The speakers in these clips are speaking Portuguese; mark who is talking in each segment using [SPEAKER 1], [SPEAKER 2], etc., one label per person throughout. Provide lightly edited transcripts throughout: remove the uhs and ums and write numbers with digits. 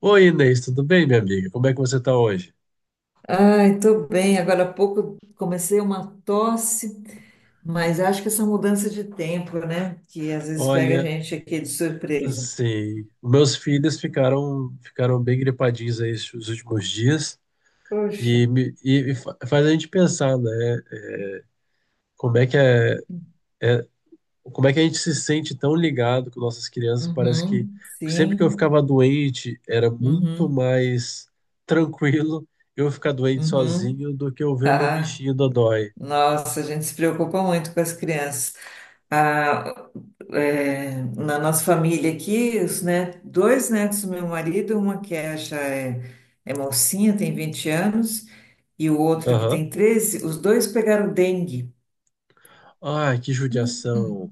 [SPEAKER 1] Oi, Inês, tudo bem, minha amiga? Como é que você tá hoje?
[SPEAKER 2] Ai, tô bem. Agora há pouco comecei uma tosse, mas acho que essa mudança de tempo, né? Que às vezes pega a
[SPEAKER 1] Olha,
[SPEAKER 2] gente aqui de surpresa.
[SPEAKER 1] assim, meus filhos ficaram bem gripadinhos aí esses últimos dias
[SPEAKER 2] Poxa.
[SPEAKER 1] e, faz a gente pensar, né? Como é que é, como é que a gente se sente tão ligado com nossas crianças? Parece que
[SPEAKER 2] Uhum,
[SPEAKER 1] sempre que eu
[SPEAKER 2] sim.
[SPEAKER 1] ficava doente era muito
[SPEAKER 2] Uhum,
[SPEAKER 1] mais tranquilo eu ficar doente
[SPEAKER 2] uhum.
[SPEAKER 1] sozinho do que eu ver o meu
[SPEAKER 2] Ah,
[SPEAKER 1] bichinho dodói.
[SPEAKER 2] nossa, a gente se preocupa muito com as crianças. Ah, é, na nossa família aqui, dois netos do meu marido, uma que é, já é mocinha, tem 20 anos, e o outro que
[SPEAKER 1] Aham.
[SPEAKER 2] tem 13, os dois pegaram dengue.
[SPEAKER 1] Ai, que judiação.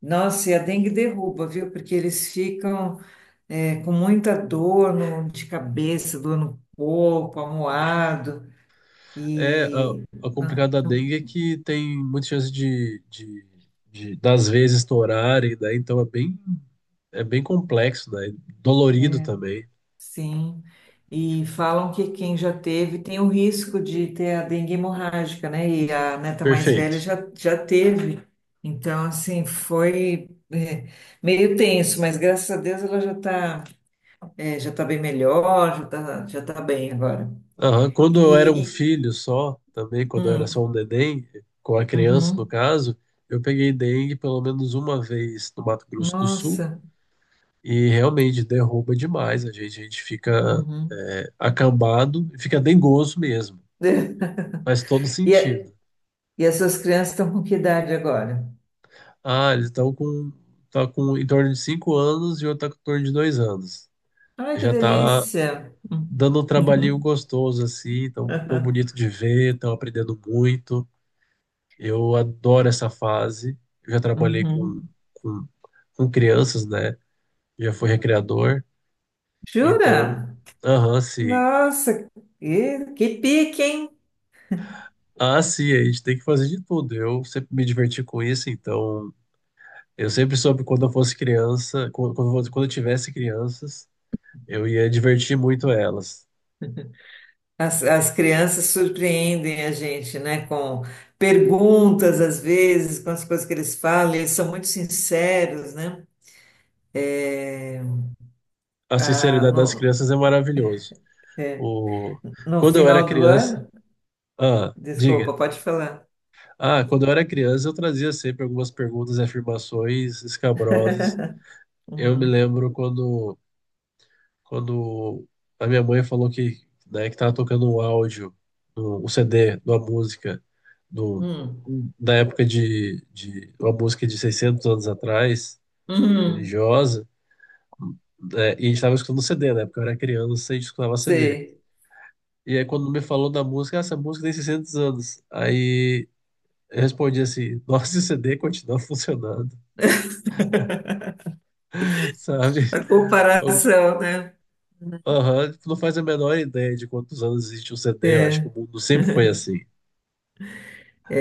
[SPEAKER 2] Nossa, e a dengue derruba, viu? Porque eles ficam com muita dor no- de cabeça, dor no corpo, amuado.
[SPEAKER 1] É,
[SPEAKER 2] E
[SPEAKER 1] a
[SPEAKER 2] não,
[SPEAKER 1] complicada da
[SPEAKER 2] não.
[SPEAKER 1] dengue é que tem muita chance das vezes estourarem, né? Então é bem complexo, né? Dolorido
[SPEAKER 2] é,
[SPEAKER 1] também.
[SPEAKER 2] Sim, e falam que quem já teve tem o risco de ter a dengue hemorrágica, né? E a neta mais velha
[SPEAKER 1] Perfeito.
[SPEAKER 2] já teve. Então, assim, foi meio tenso, mas graças a Deus ela já tá bem melhor, já tá bem agora.
[SPEAKER 1] Aham. Quando eu era um
[SPEAKER 2] E, e-
[SPEAKER 1] filho só, também, quando eu era só
[SPEAKER 2] hum,
[SPEAKER 1] um neném, com a criança no
[SPEAKER 2] uhum.
[SPEAKER 1] caso, eu peguei dengue pelo menos uma vez no Mato Grosso do Sul
[SPEAKER 2] Nossa.
[SPEAKER 1] e realmente derruba demais a gente. A gente fica
[SPEAKER 2] Uhum.
[SPEAKER 1] acambado e fica dengoso mesmo, faz todo
[SPEAKER 2] E, a-
[SPEAKER 1] sentido.
[SPEAKER 2] e as suas crianças estão com que idade agora?
[SPEAKER 1] Ah, eles estão com, tá com em torno de 5 anos e outro tá com em torno de 2 anos.
[SPEAKER 2] Ai, que
[SPEAKER 1] Já tá
[SPEAKER 2] delícia.
[SPEAKER 1] dando um trabalhinho
[SPEAKER 2] Uhum.
[SPEAKER 1] gostoso, assim, tão, tão bonito de ver, estão aprendendo muito. Eu adoro essa fase. Eu já trabalhei
[SPEAKER 2] Uhum.
[SPEAKER 1] com, com, com crianças, né? Já fui recreador. Então,
[SPEAKER 2] Jura?
[SPEAKER 1] aham, sim.
[SPEAKER 2] Nossa, que pique, hein?
[SPEAKER 1] Ah, sim, a gente tem que fazer de tudo. Eu sempre me diverti com isso, então eu sempre soube quando eu fosse criança, quando eu quando eu tivesse crianças, eu ia divertir muito elas.
[SPEAKER 2] As crianças surpreendem a gente, né? Com perguntas, às vezes, com as coisas que eles falam, eles são muito sinceros, né?
[SPEAKER 1] A
[SPEAKER 2] Ah,
[SPEAKER 1] sinceridade das
[SPEAKER 2] no,
[SPEAKER 1] crianças é maravilhoso. O...
[SPEAKER 2] no
[SPEAKER 1] Quando eu era
[SPEAKER 2] final do
[SPEAKER 1] criança.
[SPEAKER 2] ano.
[SPEAKER 1] Ah, diga.
[SPEAKER 2] Desculpa, pode falar.
[SPEAKER 1] Ah, quando eu era criança, eu trazia sempre algumas perguntas e afirmações escabrosas. Eu me
[SPEAKER 2] Uhum.
[SPEAKER 1] lembro quando a minha mãe falou que, né, que tava tocando um áudio, um CD, de uma música, do,
[SPEAKER 2] Hum.
[SPEAKER 1] da época de uma música de 600 anos atrás,
[SPEAKER 2] Uhum.
[SPEAKER 1] religiosa. Né, e a gente estava escutando CD, né? Porque eu era criança e a gente escutava CD.
[SPEAKER 2] Sei.
[SPEAKER 1] E aí, quando me falou da música, "Ah, essa música tem 600 anos." Aí eu respondi assim: nossa, esse CD continua funcionando, sabe?
[SPEAKER 2] A
[SPEAKER 1] Eu,
[SPEAKER 2] comparação, né?
[SPEAKER 1] Aham, tipo, não faz a menor ideia de quantos anos existe um CD. Eu acho que o
[SPEAKER 2] É,
[SPEAKER 1] mundo sempre foi assim.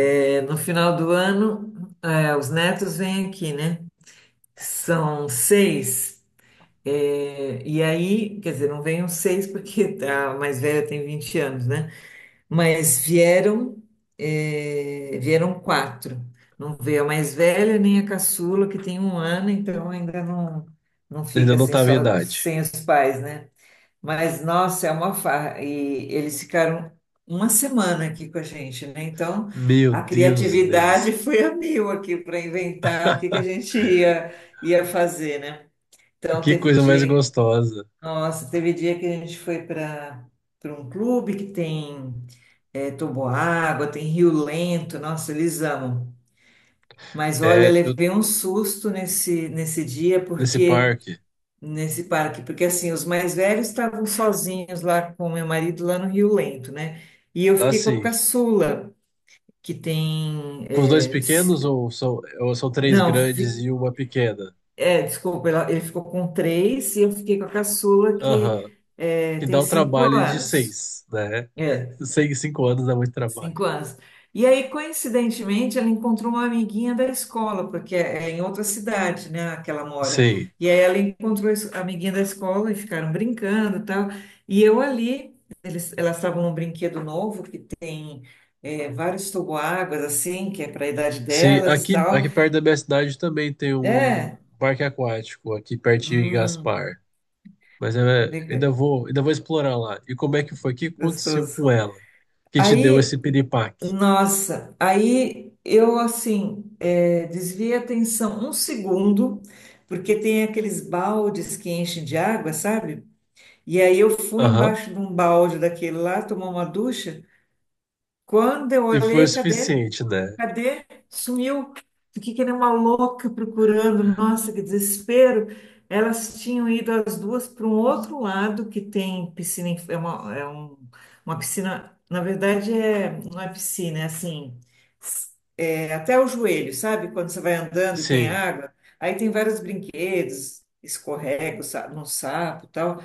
[SPEAKER 2] no final do ano, os netos vêm aqui, né? São seis. E aí, quer dizer, não vêm os seis porque a mais velha tem 20 anos, né? Mas vieram quatro. Não veio a mais velha nem a caçula, que tem 1 ano, então ainda não, não
[SPEAKER 1] Ainda
[SPEAKER 2] fica
[SPEAKER 1] não
[SPEAKER 2] assim
[SPEAKER 1] tava em
[SPEAKER 2] só
[SPEAKER 1] idade.
[SPEAKER 2] sem os pais, né? Mas, nossa, é uma farra. E eles ficaram uma semana aqui com a gente, né? Então,
[SPEAKER 1] Meu
[SPEAKER 2] a
[SPEAKER 1] Deus,
[SPEAKER 2] criatividade
[SPEAKER 1] Inês.
[SPEAKER 2] foi a mil aqui para inventar o que que a gente ia fazer, né? Então,
[SPEAKER 1] Que
[SPEAKER 2] teve
[SPEAKER 1] coisa mais
[SPEAKER 2] dia,
[SPEAKER 1] gostosa.
[SPEAKER 2] nossa, teve dia que a gente foi para um clube que tem toboágua, tem rio lento, nossa, eles amam. Mas olha,
[SPEAKER 1] É, eu
[SPEAKER 2] levei um susto nesse dia,
[SPEAKER 1] nesse
[SPEAKER 2] porque
[SPEAKER 1] parque.
[SPEAKER 2] nesse parque, porque assim, os mais velhos estavam sozinhos lá com meu marido lá no Rio Lento, né? E eu fiquei com a
[SPEAKER 1] Assim,
[SPEAKER 2] caçula, que tem,
[SPEAKER 1] com os dois
[SPEAKER 2] é, s-
[SPEAKER 1] pequenos ou são três
[SPEAKER 2] não,
[SPEAKER 1] grandes e uma pequena?
[SPEAKER 2] ele ficou com três e eu fiquei com a caçula
[SPEAKER 1] Aham.
[SPEAKER 2] que
[SPEAKER 1] Que dá
[SPEAKER 2] tem
[SPEAKER 1] o
[SPEAKER 2] cinco
[SPEAKER 1] trabalho de
[SPEAKER 2] anos.
[SPEAKER 1] seis, né?
[SPEAKER 2] é
[SPEAKER 1] Sei que 5 anos dá muito trabalho.
[SPEAKER 2] 5 anos. E aí, coincidentemente, ela encontrou uma amiguinha da escola, porque é em outra cidade, né, que ela mora.
[SPEAKER 1] Sim,
[SPEAKER 2] E aí ela encontrou a amiguinha da escola e ficaram brincando e tal. E eu ali, elas estavam num brinquedo novo que tem vários toboáguas, assim, que é para a idade
[SPEAKER 1] sim.
[SPEAKER 2] delas e tal.
[SPEAKER 1] Aqui perto da minha cidade também tem um
[SPEAKER 2] É,
[SPEAKER 1] parque aquático, aqui pertinho em
[SPEAKER 2] hum,
[SPEAKER 1] Gaspar. Mas eu ainda
[SPEAKER 2] legal,
[SPEAKER 1] ainda vou explorar lá. E como é que foi? O que aconteceu
[SPEAKER 2] gostoso.
[SPEAKER 1] com ela? Que te deu
[SPEAKER 2] Aí
[SPEAKER 1] esse piripaque?
[SPEAKER 2] Nossa, aí eu assim desviei a atenção um segundo, porque tem aqueles baldes que enchem de água, sabe? E aí eu fui
[SPEAKER 1] Aham.
[SPEAKER 2] embaixo de um balde daquele lá, tomar uma ducha. Quando eu
[SPEAKER 1] E foi o
[SPEAKER 2] olhei, cadê?
[SPEAKER 1] suficiente, né?
[SPEAKER 2] Cadê? Sumiu. Fiquei que nem uma louca procurando. Nossa, que desespero. Elas tinham ido as duas para um outro lado que tem piscina, uma piscina, na verdade não é piscina, é assim, s- é até o joelho, sabe? Quando você vai andando e tem
[SPEAKER 1] Sim.
[SPEAKER 2] água, aí tem vários brinquedos, escorrega no sapo e tal.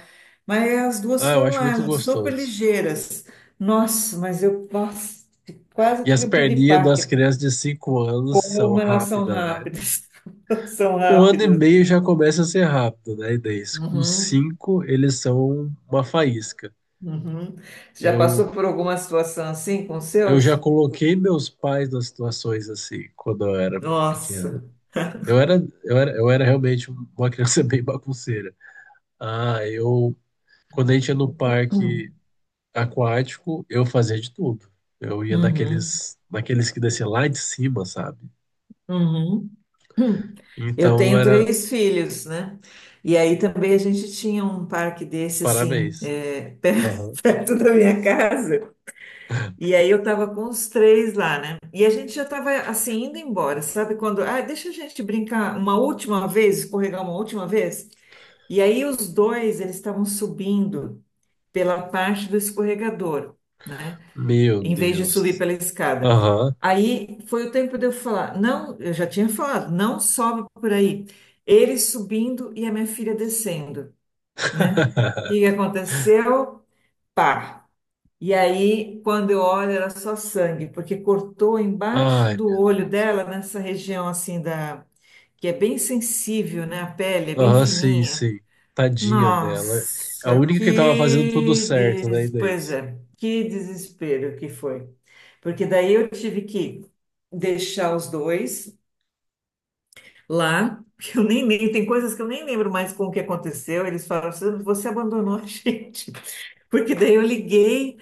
[SPEAKER 2] Mas as duas
[SPEAKER 1] Ah, eu
[SPEAKER 2] foram
[SPEAKER 1] acho muito
[SPEAKER 2] lá, super
[SPEAKER 1] gostoso.
[SPEAKER 2] ligeiras. Nossa, mas eu, nossa, quase
[SPEAKER 1] E as
[SPEAKER 2] tive um
[SPEAKER 1] perninhas das
[SPEAKER 2] piripaque.
[SPEAKER 1] crianças de 5 anos são
[SPEAKER 2] Como elas são
[SPEAKER 1] rápidas, né?
[SPEAKER 2] rápidas, elas são
[SPEAKER 1] Com 1 ano e
[SPEAKER 2] rápidas.
[SPEAKER 1] meio já começa a ser rápido, né? E daí, com
[SPEAKER 2] Uhum,
[SPEAKER 1] 5 eles são uma faísca.
[SPEAKER 2] uhum. Você já passou
[SPEAKER 1] Eu,
[SPEAKER 2] por alguma situação assim com os
[SPEAKER 1] eu já
[SPEAKER 2] seus?
[SPEAKER 1] coloquei meus pais nas situações assim, quando eu era
[SPEAKER 2] Nossa.
[SPEAKER 1] pequeno. Eu era, eu era realmente uma criança bem bagunceira. Ah, eu, Quando a gente ia no parque
[SPEAKER 2] Hum,
[SPEAKER 1] aquático, eu fazia de tudo. Eu ia
[SPEAKER 2] Uhum,
[SPEAKER 1] naqueles que descia lá de cima, sabe?
[SPEAKER 2] uhum, hum. Eu
[SPEAKER 1] Então
[SPEAKER 2] tenho
[SPEAKER 1] era,
[SPEAKER 2] três filhos, né? E aí também a gente tinha um parque desse assim,
[SPEAKER 1] parabéns. Aham.
[SPEAKER 2] perto da minha casa. E aí eu tava com os três lá, né? E a gente já tava assim indo embora, sabe? Quando, ah, deixa a gente brincar uma última vez, escorregar uma última vez. E aí os dois, eles estavam subindo pela parte do escorregador, né?
[SPEAKER 1] Meu
[SPEAKER 2] Em vez de subir
[SPEAKER 1] Deus.
[SPEAKER 2] pela escada.
[SPEAKER 1] Aham.
[SPEAKER 2] Aí foi o tempo de eu falar, não, eu já tinha falado, não sobe por aí. Ele subindo e a minha filha descendo, né? E o que aconteceu? Pá! E aí, quando eu olho, era só sangue, porque cortou embaixo
[SPEAKER 1] Ai,
[SPEAKER 2] do
[SPEAKER 1] meu
[SPEAKER 2] olho
[SPEAKER 1] Deus.
[SPEAKER 2] dela, nessa região assim da... que é bem sensível, né? A pele é bem
[SPEAKER 1] Aham, sim,
[SPEAKER 2] fininha.
[SPEAKER 1] sim. Tadinha dela. A
[SPEAKER 2] Nossa,
[SPEAKER 1] única que tava fazendo tudo certo, né,
[SPEAKER 2] pois
[SPEAKER 1] Inês?
[SPEAKER 2] é, que desespero que foi. Porque daí eu tive que deixar os dois lá, que eu nem lembro, tem coisas que eu nem lembro mais com o que aconteceu. Eles falaram assim, você abandonou a gente. Porque daí eu liguei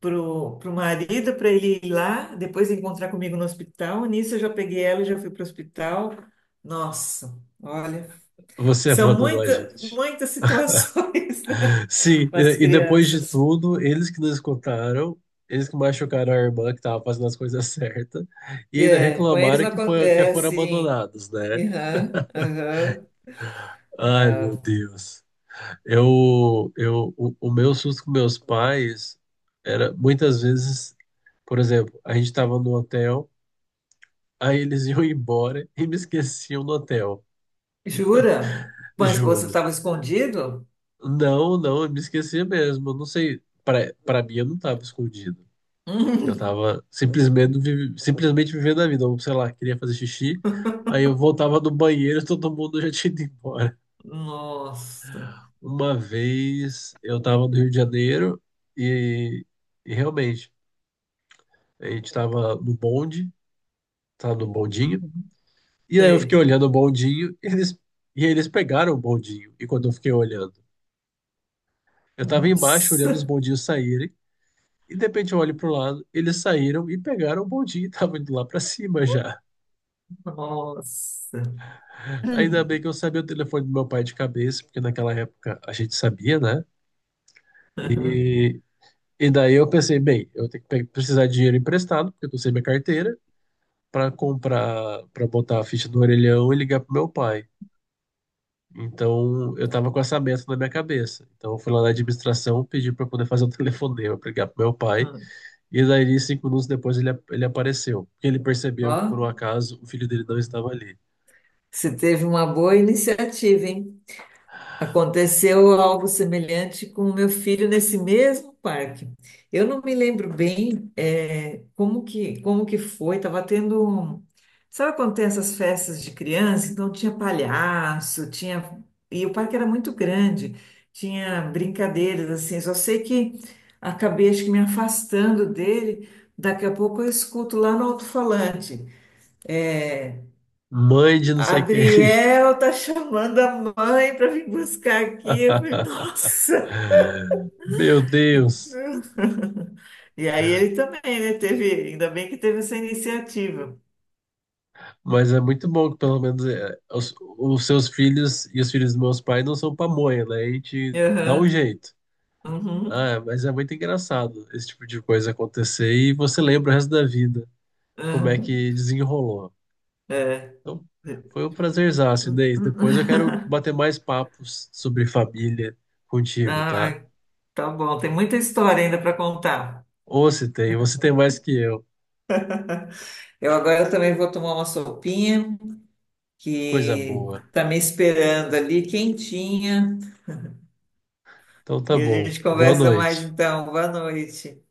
[SPEAKER 2] pro marido para ele ir lá, depois encontrar comigo no hospital. Nisso eu já peguei ela e já fui pro hospital. Nossa, olha,
[SPEAKER 1] Você
[SPEAKER 2] são
[SPEAKER 1] abandonou a gente.
[SPEAKER 2] muitas situações, né?
[SPEAKER 1] Sim,
[SPEAKER 2] Com as
[SPEAKER 1] e depois de
[SPEAKER 2] crianças.
[SPEAKER 1] tudo, eles que nos escutaram, eles que machucaram a irmã que estava fazendo as coisas certas, e ainda
[SPEAKER 2] É, com eles
[SPEAKER 1] reclamaram
[SPEAKER 2] não...
[SPEAKER 1] que
[SPEAKER 2] É,
[SPEAKER 1] foram
[SPEAKER 2] sim.
[SPEAKER 1] abandonados, né?
[SPEAKER 2] Aham, aham.
[SPEAKER 1] Ai, meu
[SPEAKER 2] Ah,
[SPEAKER 1] Deus. O meu susto com meus pais era muitas vezes, por exemplo, a gente estava no hotel, aí eles iam embora e me esqueciam no hotel.
[SPEAKER 2] jura? Mas você
[SPEAKER 1] Juro.
[SPEAKER 2] estava escondido?
[SPEAKER 1] Não, não, eu me esqueci mesmo. Eu não sei. Pra mim, eu não tava escondido. Eu tava simplesmente, simplesmente vivendo a vida. Eu, sei lá, queria fazer xixi. Aí
[SPEAKER 2] Hum,
[SPEAKER 1] eu voltava do banheiro e todo mundo já tinha ido embora.
[SPEAKER 2] nossa.
[SPEAKER 1] Uma vez eu tava no Rio de Janeiro e, e realmente, a gente tava no bonde, tava no bondinho. E aí eu fiquei
[SPEAKER 2] Sei.
[SPEAKER 1] olhando o bondinho e eles pegaram o bondinho. E quando eu fiquei olhando, eu tava embaixo olhando os
[SPEAKER 2] Nossa.
[SPEAKER 1] bondinhos saírem. E de repente eu olho pro lado, eles saíram e pegaram o bondinho e estavam indo lá pra cima já.
[SPEAKER 2] Nossa.
[SPEAKER 1] Ainda
[SPEAKER 2] Hum,
[SPEAKER 1] bem que eu sabia o telefone do meu pai de cabeça, porque naquela época a gente sabia, né?
[SPEAKER 2] aham,
[SPEAKER 1] E, e daí eu pensei, bem, eu tenho que precisar de dinheiro emprestado, porque eu não sei minha carteira, pra botar a ficha do orelhão e ligar pro meu pai. Então eu tava com essa meta na minha cabeça. Então eu fui lá na administração, pedi pra poder fazer um telefonema, pra ligar pro meu pai.
[SPEAKER 2] hum.
[SPEAKER 1] E daí, 5 minutos depois, ele apareceu. Porque ele
[SPEAKER 2] Ó,
[SPEAKER 1] percebeu que, por um acaso, o filho dele não estava ali.
[SPEAKER 2] você teve uma boa iniciativa, hein? Aconteceu algo semelhante com o meu filho nesse mesmo parque. Eu não me lembro bem como que foi. Estava tendo um... Sabe quando tem essas festas de criança? Então tinha palhaço, tinha... E o parque era muito grande. Tinha brincadeiras, assim. Só sei que acabei, acho que me afastando dele. Daqui a pouco eu escuto lá no alto-falante. É,
[SPEAKER 1] Mãe de não sei quem.
[SPEAKER 2] Adriel tá chamando a mãe para vir buscar aqui. Eu falei, nossa!
[SPEAKER 1] Meu Deus.
[SPEAKER 2] E aí ele também, né? Teve, ainda bem que teve essa iniciativa.
[SPEAKER 1] Mas é muito bom que, pelo menos, é, os seus filhos e os filhos dos meus pais não são pamonha, né? A gente dá um
[SPEAKER 2] Aham,
[SPEAKER 1] jeito.
[SPEAKER 2] uhum,
[SPEAKER 1] Ah, mas é muito engraçado esse tipo de coisa acontecer e você lembra o resto da vida como é
[SPEAKER 2] aham,
[SPEAKER 1] que desenrolou.
[SPEAKER 2] é.
[SPEAKER 1] Então, foi um prazerzaço, Inês. Depois eu quero bater mais papos sobre família contigo, tá?
[SPEAKER 2] Ah, tá bom, tem muita história ainda para contar.
[SPEAKER 1] Ou se tem, você tem mais que eu.
[SPEAKER 2] Eu agora também vou tomar uma sopinha
[SPEAKER 1] Coisa
[SPEAKER 2] que
[SPEAKER 1] boa.
[SPEAKER 2] tá me esperando ali, quentinha.
[SPEAKER 1] Então tá
[SPEAKER 2] E a
[SPEAKER 1] bom.
[SPEAKER 2] gente
[SPEAKER 1] Boa
[SPEAKER 2] conversa mais
[SPEAKER 1] noite.
[SPEAKER 2] então. Boa noite.